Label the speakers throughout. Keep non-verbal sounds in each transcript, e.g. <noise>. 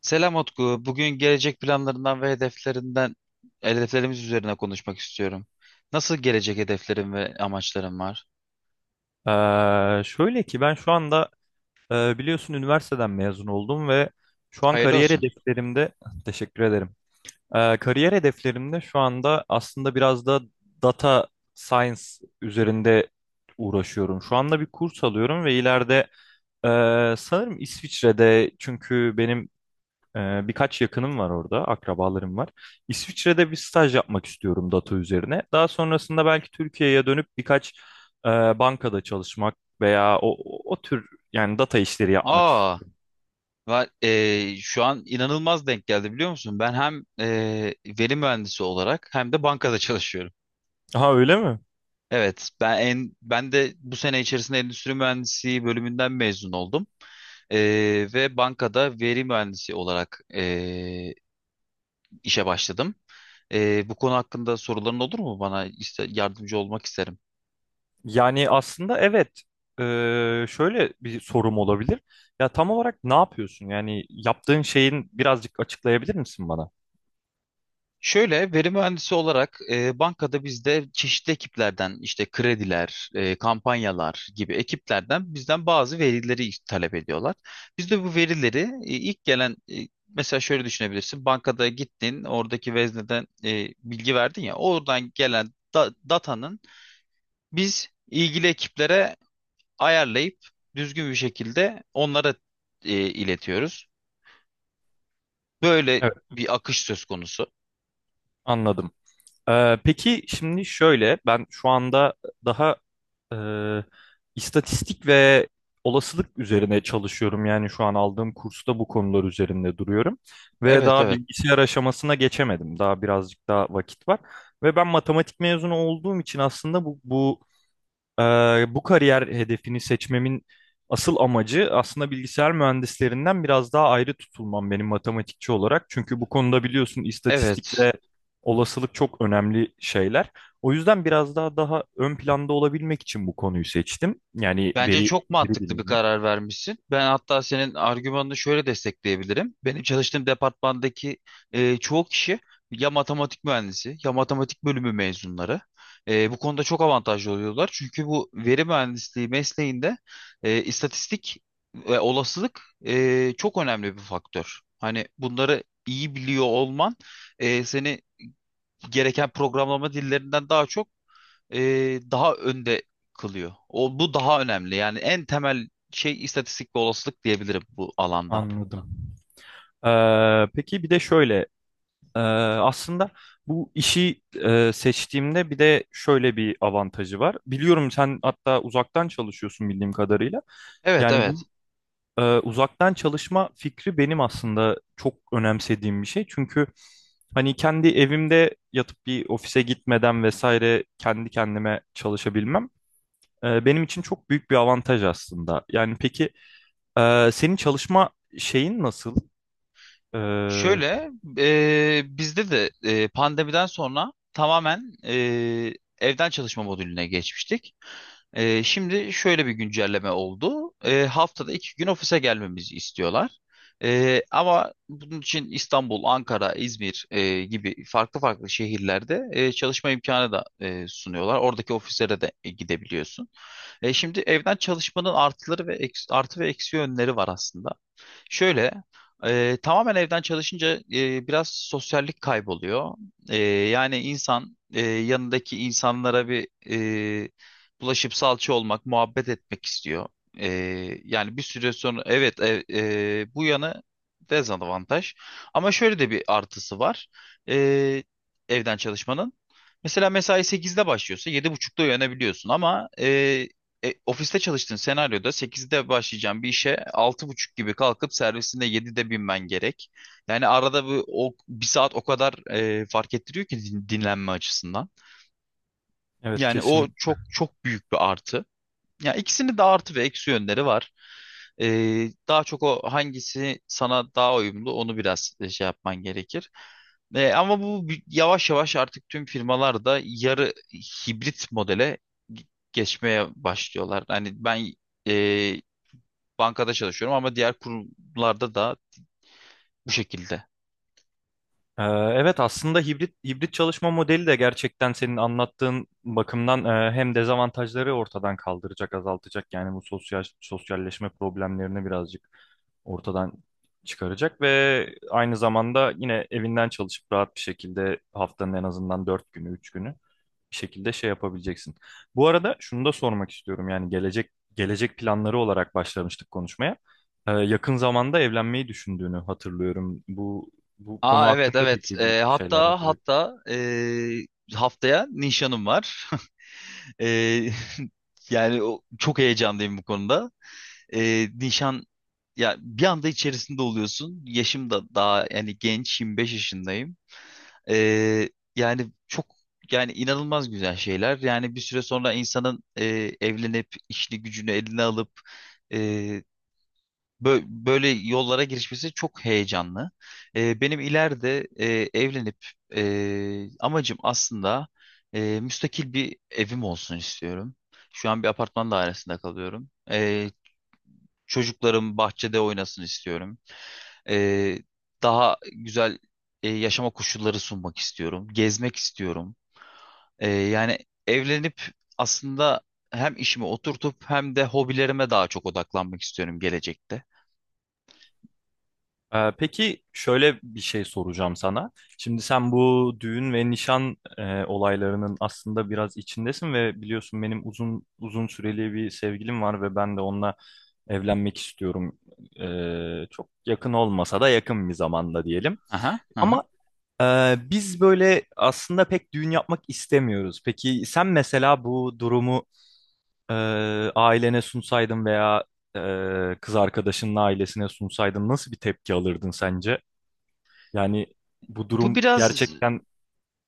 Speaker 1: Selam Utku. Bugün gelecek planlarından ve hedeflerimiz üzerine konuşmak istiyorum. Nasıl gelecek hedeflerim ve amaçlarım var?
Speaker 2: Şöyle ki ben şu anda biliyorsun üniversiteden mezun oldum ve şu an
Speaker 1: Hayırlı
Speaker 2: kariyer
Speaker 1: olsun.
Speaker 2: hedeflerimde <laughs> teşekkür ederim. Kariyer hedeflerimde şu anda aslında biraz da data science üzerinde uğraşıyorum. Şu anda bir kurs alıyorum ve ileride e, sanırım İsviçre'de, çünkü benim birkaç yakınım var orada, akrabalarım var. İsviçre'de bir staj yapmak istiyorum data üzerine. Daha sonrasında belki Türkiye'ye dönüp birkaç e, bankada çalışmak veya o tür, yani data işleri yapmak
Speaker 1: Aa,
Speaker 2: istiyorum.
Speaker 1: şu an inanılmaz denk geldi biliyor musun? Ben hem veri mühendisi olarak hem de bankada çalışıyorum.
Speaker 2: Ha, öyle mi?
Speaker 1: Evet, ben de bu sene içerisinde endüstri mühendisliği bölümünden mezun oldum. E, Ve bankada veri mühendisi olarak işe başladım. Bu konu hakkında soruların olur mu bana? Yardımcı olmak isterim.
Speaker 2: Yani aslında evet. Şöyle bir sorum olabilir. Ya tam olarak ne yapıyorsun? Yani yaptığın şeyin birazcık açıklayabilir misin bana?
Speaker 1: Şöyle, veri mühendisi olarak bankada bizde çeşitli ekiplerden işte krediler, kampanyalar gibi ekiplerden bizden bazı verileri talep ediyorlar. Biz de bu verileri ilk gelen, mesela şöyle düşünebilirsin. Bankada gittin, oradaki vezneden bilgi verdin ya, oradan gelen datanın biz ilgili ekiplere ayarlayıp düzgün bir şekilde onlara iletiyoruz. Böyle
Speaker 2: Evet,
Speaker 1: bir akış söz konusu.
Speaker 2: anladım. Peki şimdi şöyle, ben şu anda daha Ee, istatistik ve olasılık üzerine çalışıyorum. Yani şu an aldığım kursta bu konular üzerinde duruyorum. Ve
Speaker 1: Evet,
Speaker 2: daha
Speaker 1: evet.
Speaker 2: bilgisayar aşamasına geçemedim. Daha birazcık daha vakit var. Ve ben matematik mezunu olduğum için aslında bu ee, bu kariyer hedefini seçmemin asıl amacı aslında bilgisayar mühendislerinden biraz daha ayrı tutulmam, benim matematikçi olarak. Çünkü bu konuda biliyorsun, istatistik
Speaker 1: Evet.
Speaker 2: ve olasılık çok önemli şeyler. O yüzden biraz daha ön planda olabilmek için bu konuyu seçtim. Yani
Speaker 1: Bence
Speaker 2: veri,
Speaker 1: çok
Speaker 2: veri
Speaker 1: mantıklı bir
Speaker 2: bilimi.
Speaker 1: karar vermişsin. Ben hatta senin argümanını şöyle destekleyebilirim. Benim çalıştığım departmandaki çoğu kişi ya matematik mühendisi ya matematik bölümü mezunları. Bu konuda çok avantajlı oluyorlar. Çünkü bu veri mühendisliği mesleğinde istatistik ve olasılık çok önemli bir faktör. Hani bunları iyi biliyor olman seni gereken programlama dillerinden daha çok, e, daha önde kılıyor. O, bu daha önemli. Yani en temel şey istatistik ve olasılık diyebilirim bu alanda.
Speaker 2: Anladım. Peki bir de şöyle, aslında bu işi seçtiğimde bir de şöyle bir avantajı var. Biliyorum, sen hatta uzaktan çalışıyorsun bildiğim kadarıyla.
Speaker 1: Evet,
Speaker 2: Yani
Speaker 1: evet.
Speaker 2: bu uzaktan çalışma fikri benim aslında çok önemsediğim bir şey. Çünkü hani kendi evimde yatıp bir ofise gitmeden vesaire kendi kendime çalışabilmem benim için çok büyük bir avantaj aslında. Yani peki, senin çalışma şeyin nasıl? Ee,
Speaker 1: Şöyle Bizde de pandemiden sonra tamamen evden çalışma modülüne geçmiştik. Şimdi şöyle bir güncelleme oldu. Haftada iki gün ofise gelmemizi istiyorlar. Ama bunun için İstanbul, Ankara, İzmir gibi farklı farklı şehirlerde çalışma imkanı da sunuyorlar. Oradaki ofislere de gidebiliyorsun. Şimdi evden çalışmanın artı ve eksi yönleri var aslında. Şöyle Tamamen evden çalışınca biraz sosyallik kayboluyor. Yani insan yanındaki insanlara e, bulaşıp salça olmak, muhabbet etmek istiyor. E, Yani bir süre sonra, evet, bu yanı dezavantaj. Ama şöyle de bir artısı var e, evden çalışmanın. Mesela mesai 8'de başlıyorsa yedi buçukta uyanabiliyorsun, ama ofiste çalıştığın senaryoda 8'de başlayacağım bir işe altı buçuk gibi kalkıp servisinde 7'de binmen gerek. Yani arada bir saat o kadar fark ettiriyor ki dinlenme açısından.
Speaker 2: evet,
Speaker 1: Yani
Speaker 2: kesin.
Speaker 1: o çok çok büyük bir artı. Ya ikisinin de artı ve eksi yönleri var. Daha çok o hangisi sana daha uyumlu onu biraz şey yapman gerekir. Ama yavaş yavaş artık tüm firmalar da yarı hibrit modele ge- geçmeye başlıyorlar. Hani ben e, bankada çalışıyorum ama diğer kurumlarda da bu şekilde.
Speaker 2: Evet, aslında hibrit hibrit çalışma modeli de gerçekten senin anlattığın bakımdan hem dezavantajları ortadan kaldıracak, azaltacak, yani bu sosyal sosyalleşme problemlerini birazcık ortadan çıkaracak ve aynı zamanda yine evinden çalışıp rahat bir şekilde haftanın en azından 4 günü, 3 günü bir şekilde şey yapabileceksin. Bu arada şunu da sormak istiyorum, yani gelecek planları olarak başlamıştık konuşmaya. Yakın zamanda evlenmeyi düşündüğünü hatırlıyorum. Bu konu
Speaker 1: Aa, evet,
Speaker 2: hakkında
Speaker 1: evet.
Speaker 2: peki bir
Speaker 1: Ee,
Speaker 2: şeyler
Speaker 1: hatta
Speaker 2: yapacak.
Speaker 1: hatta e, haftaya nişanım var. <laughs> Ee, <laughs> çok heyecanlıyım bu konuda. Nişan, ya, bir anda içerisinde oluyorsun. Yaşım da daha, yani genç, 25 yaşındayım. E, yani çok yani inanılmaz güzel şeyler. Yani bir süre sonra insanın evlenip işini gücünü eline alıp e, böyle yollara girişmesi çok heyecanlı. Benim ileride evlenip, amacım aslında müstakil bir evim olsun istiyorum. Şu an bir apartman dairesinde kalıyorum. Çocuklarım bahçede oynasın istiyorum. Ee, Daha güzel yaşama koşulları sunmak istiyorum. Gezmek istiyorum. Yani evlenip aslında hem işimi oturtup hem de hobilerime daha çok odaklanmak istiyorum gelecekte.
Speaker 2: Peki şöyle bir şey soracağım sana. Şimdi sen bu düğün ve nişan olaylarının aslında biraz içindesin ve biliyorsun benim uzun süreli bir sevgilim var ve ben de onunla evlenmek istiyorum. Çok yakın olmasa da yakın bir zamanda diyelim.
Speaker 1: Aha, aha.
Speaker 2: Ama biz böyle aslında pek düğün yapmak istemiyoruz. Peki sen mesela bu durumu e, ailene sunsaydın veya kız arkadaşının ailesine sunsaydın nasıl bir tepki alırdın sence? Yani bu
Speaker 1: Bu
Speaker 2: durum
Speaker 1: biraz
Speaker 2: gerçekten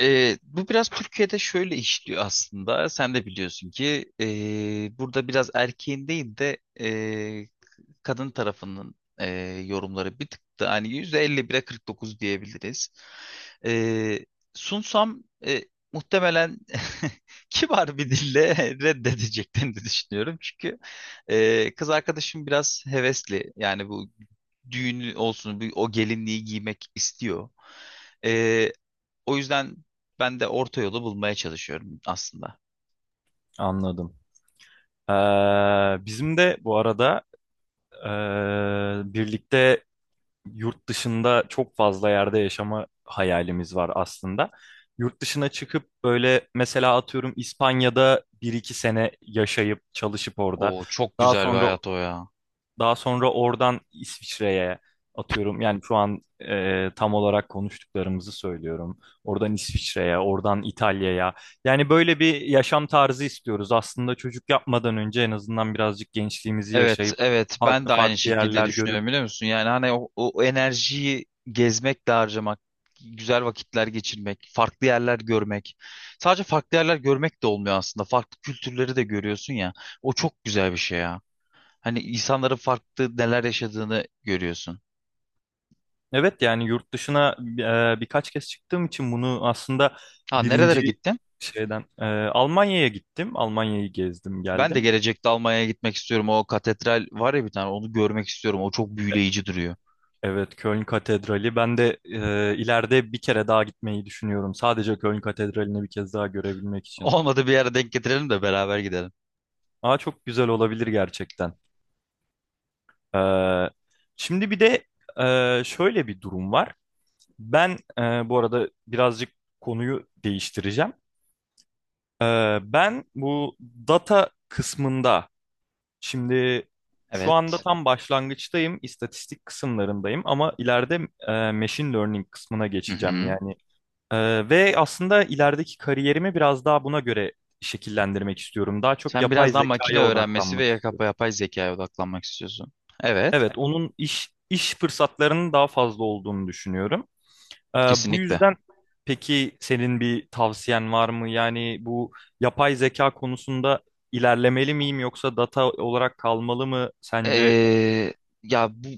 Speaker 1: Bu biraz Türkiye'de şöyle işliyor aslında. Sen de biliyorsun ki burada biraz erkeğin değil de, kadın tarafının yorumları bir tık da hani %51'e 49 diyebiliriz. E, Sunsam, muhtemelen <laughs> kibar bir dille <laughs> reddedeceklerini düşünüyorum. Çünkü kız arkadaşım biraz hevesli. Yani bu düğünü olsun, o gelinliği giymek istiyor. E, O yüzden ben de orta yolu bulmaya çalışıyorum aslında.
Speaker 2: anladım. Ee, Bizim de bu arada birlikte yurt dışında çok fazla yerde yaşama hayalimiz var aslında. Yurt dışına çıkıp böyle mesela atıyorum İspanya'da bir iki sene yaşayıp çalışıp orada.
Speaker 1: O çok
Speaker 2: Daha
Speaker 1: güzel bir
Speaker 2: sonra
Speaker 1: hayat, o ya.
Speaker 2: Daha sonra oradan İsviçre'ye atıyorum. Yani şu an tam olarak konuştuklarımızı söylüyorum. Oradan İsviçre'ye, oradan İtalya'ya. Yani böyle bir yaşam tarzı istiyoruz. Aslında çocuk yapmadan önce en azından birazcık gençliğimizi
Speaker 1: Evet,
Speaker 2: yaşayıp
Speaker 1: evet. Ben
Speaker 2: farklı
Speaker 1: de aynı
Speaker 2: farklı
Speaker 1: şekilde
Speaker 2: yerler görüp.
Speaker 1: düşünüyorum, biliyor musun? Yani hani o enerjiyi gezmek de harcamak, güzel vakitler geçirmek, farklı yerler görmek. Sadece farklı yerler görmek de olmuyor aslında. Farklı kültürleri de görüyorsun ya. O çok güzel bir şey ya. Hani insanların farklı neler yaşadığını görüyorsun.
Speaker 2: Evet, yani yurt dışına birkaç kez çıktığım için bunu aslında
Speaker 1: Ha,
Speaker 2: birinci
Speaker 1: nerelere gittin?
Speaker 2: şeyden Almanya'ya gittim. Almanya'yı gezdim,
Speaker 1: Ben de
Speaker 2: geldim.
Speaker 1: gelecekte Almanya'ya gitmek istiyorum. O katedral var ya bir tane, onu görmek istiyorum. O çok büyüleyici duruyor.
Speaker 2: Evet, Köln Katedrali. Ben de ileride bir kere daha gitmeyi düşünüyorum. Sadece Köln Katedrali'ni bir kez daha
Speaker 1: <laughs>
Speaker 2: görebilmek için.
Speaker 1: Olmadı bir yere denk getirelim de beraber gidelim.
Speaker 2: Aa, çok güzel olabilir gerçekten. Ee, Şimdi bir de şöyle bir durum var. Ben bu arada birazcık konuyu değiştireceğim. Ben bu data kısmında şimdi şu anda
Speaker 1: Evet.
Speaker 2: tam başlangıçtayım, istatistik kısımlarındayım ama ileride machine learning kısmına
Speaker 1: Hı
Speaker 2: geçeceğim.
Speaker 1: hı.
Speaker 2: Yani ve aslında ilerideki kariyerimi biraz daha buna göre şekillendirmek istiyorum. Daha çok
Speaker 1: Sen
Speaker 2: yapay
Speaker 1: biraz daha makine
Speaker 2: zekaya
Speaker 1: öğrenmesi ve
Speaker 2: odaklanmak istiyorum.
Speaker 1: yapay zekaya odaklanmak istiyorsun. Evet,
Speaker 2: Evet, onun iş fırsatlarının daha fazla olduğunu düşünüyorum. Ee, Bu
Speaker 1: kesinlikle.
Speaker 2: yüzden peki, senin bir tavsiyen var mı? Yani bu yapay zeka konusunda ilerlemeli miyim yoksa data olarak kalmalı mı sence?
Speaker 1: Ee, Ya bu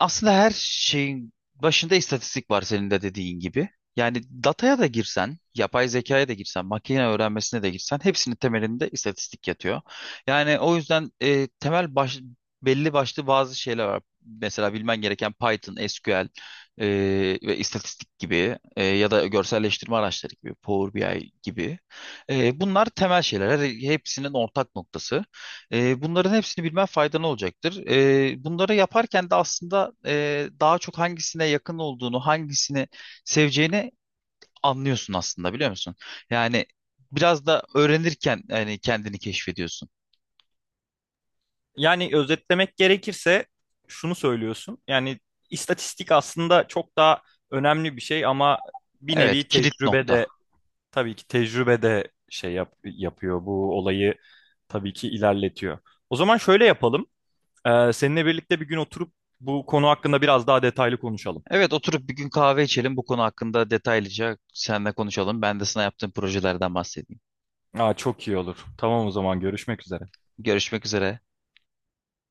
Speaker 1: aslında her şeyin başında istatistik var, senin de dediğin gibi. Yani dataya da girsen, yapay zekaya da girsen, makine öğrenmesine de girsen hepsinin temelinde istatistik yatıyor. Yani o yüzden belli başlı bazı şeyler var. Mesela bilmen gereken Python, SQL e, ve istatistik gibi, ya da görselleştirme araçları gibi, Power BI gibi. Bunlar temel şeyler. Hepsinin ortak noktası. Bunların hepsini bilmen faydalı olacaktır. Bunları yaparken de aslında daha çok hangisine yakın olduğunu, hangisini seveceğini anlıyorsun aslında, biliyor musun? Yani biraz da öğrenirken, yani kendini keşfediyorsun.
Speaker 2: Yani özetlemek gerekirse şunu söylüyorsun. Yani istatistik aslında çok daha önemli bir şey ama bir
Speaker 1: Evet,
Speaker 2: nevi
Speaker 1: kilit
Speaker 2: tecrübe
Speaker 1: nokta.
Speaker 2: de. Tabii ki tecrübe de şey yapıyor, bu olayı tabii ki ilerletiyor. O zaman şöyle yapalım. Seninle birlikte bir gün oturup bu konu hakkında biraz daha detaylı konuşalım.
Speaker 1: Evet, oturup bir gün kahve içelim, bu konu hakkında detaylıca seninle konuşalım. Ben de sana yaptığım projelerden bahsedeyim.
Speaker 2: Aa, çok iyi olur. Tamam, o zaman görüşmek üzere.
Speaker 1: Görüşmek üzere.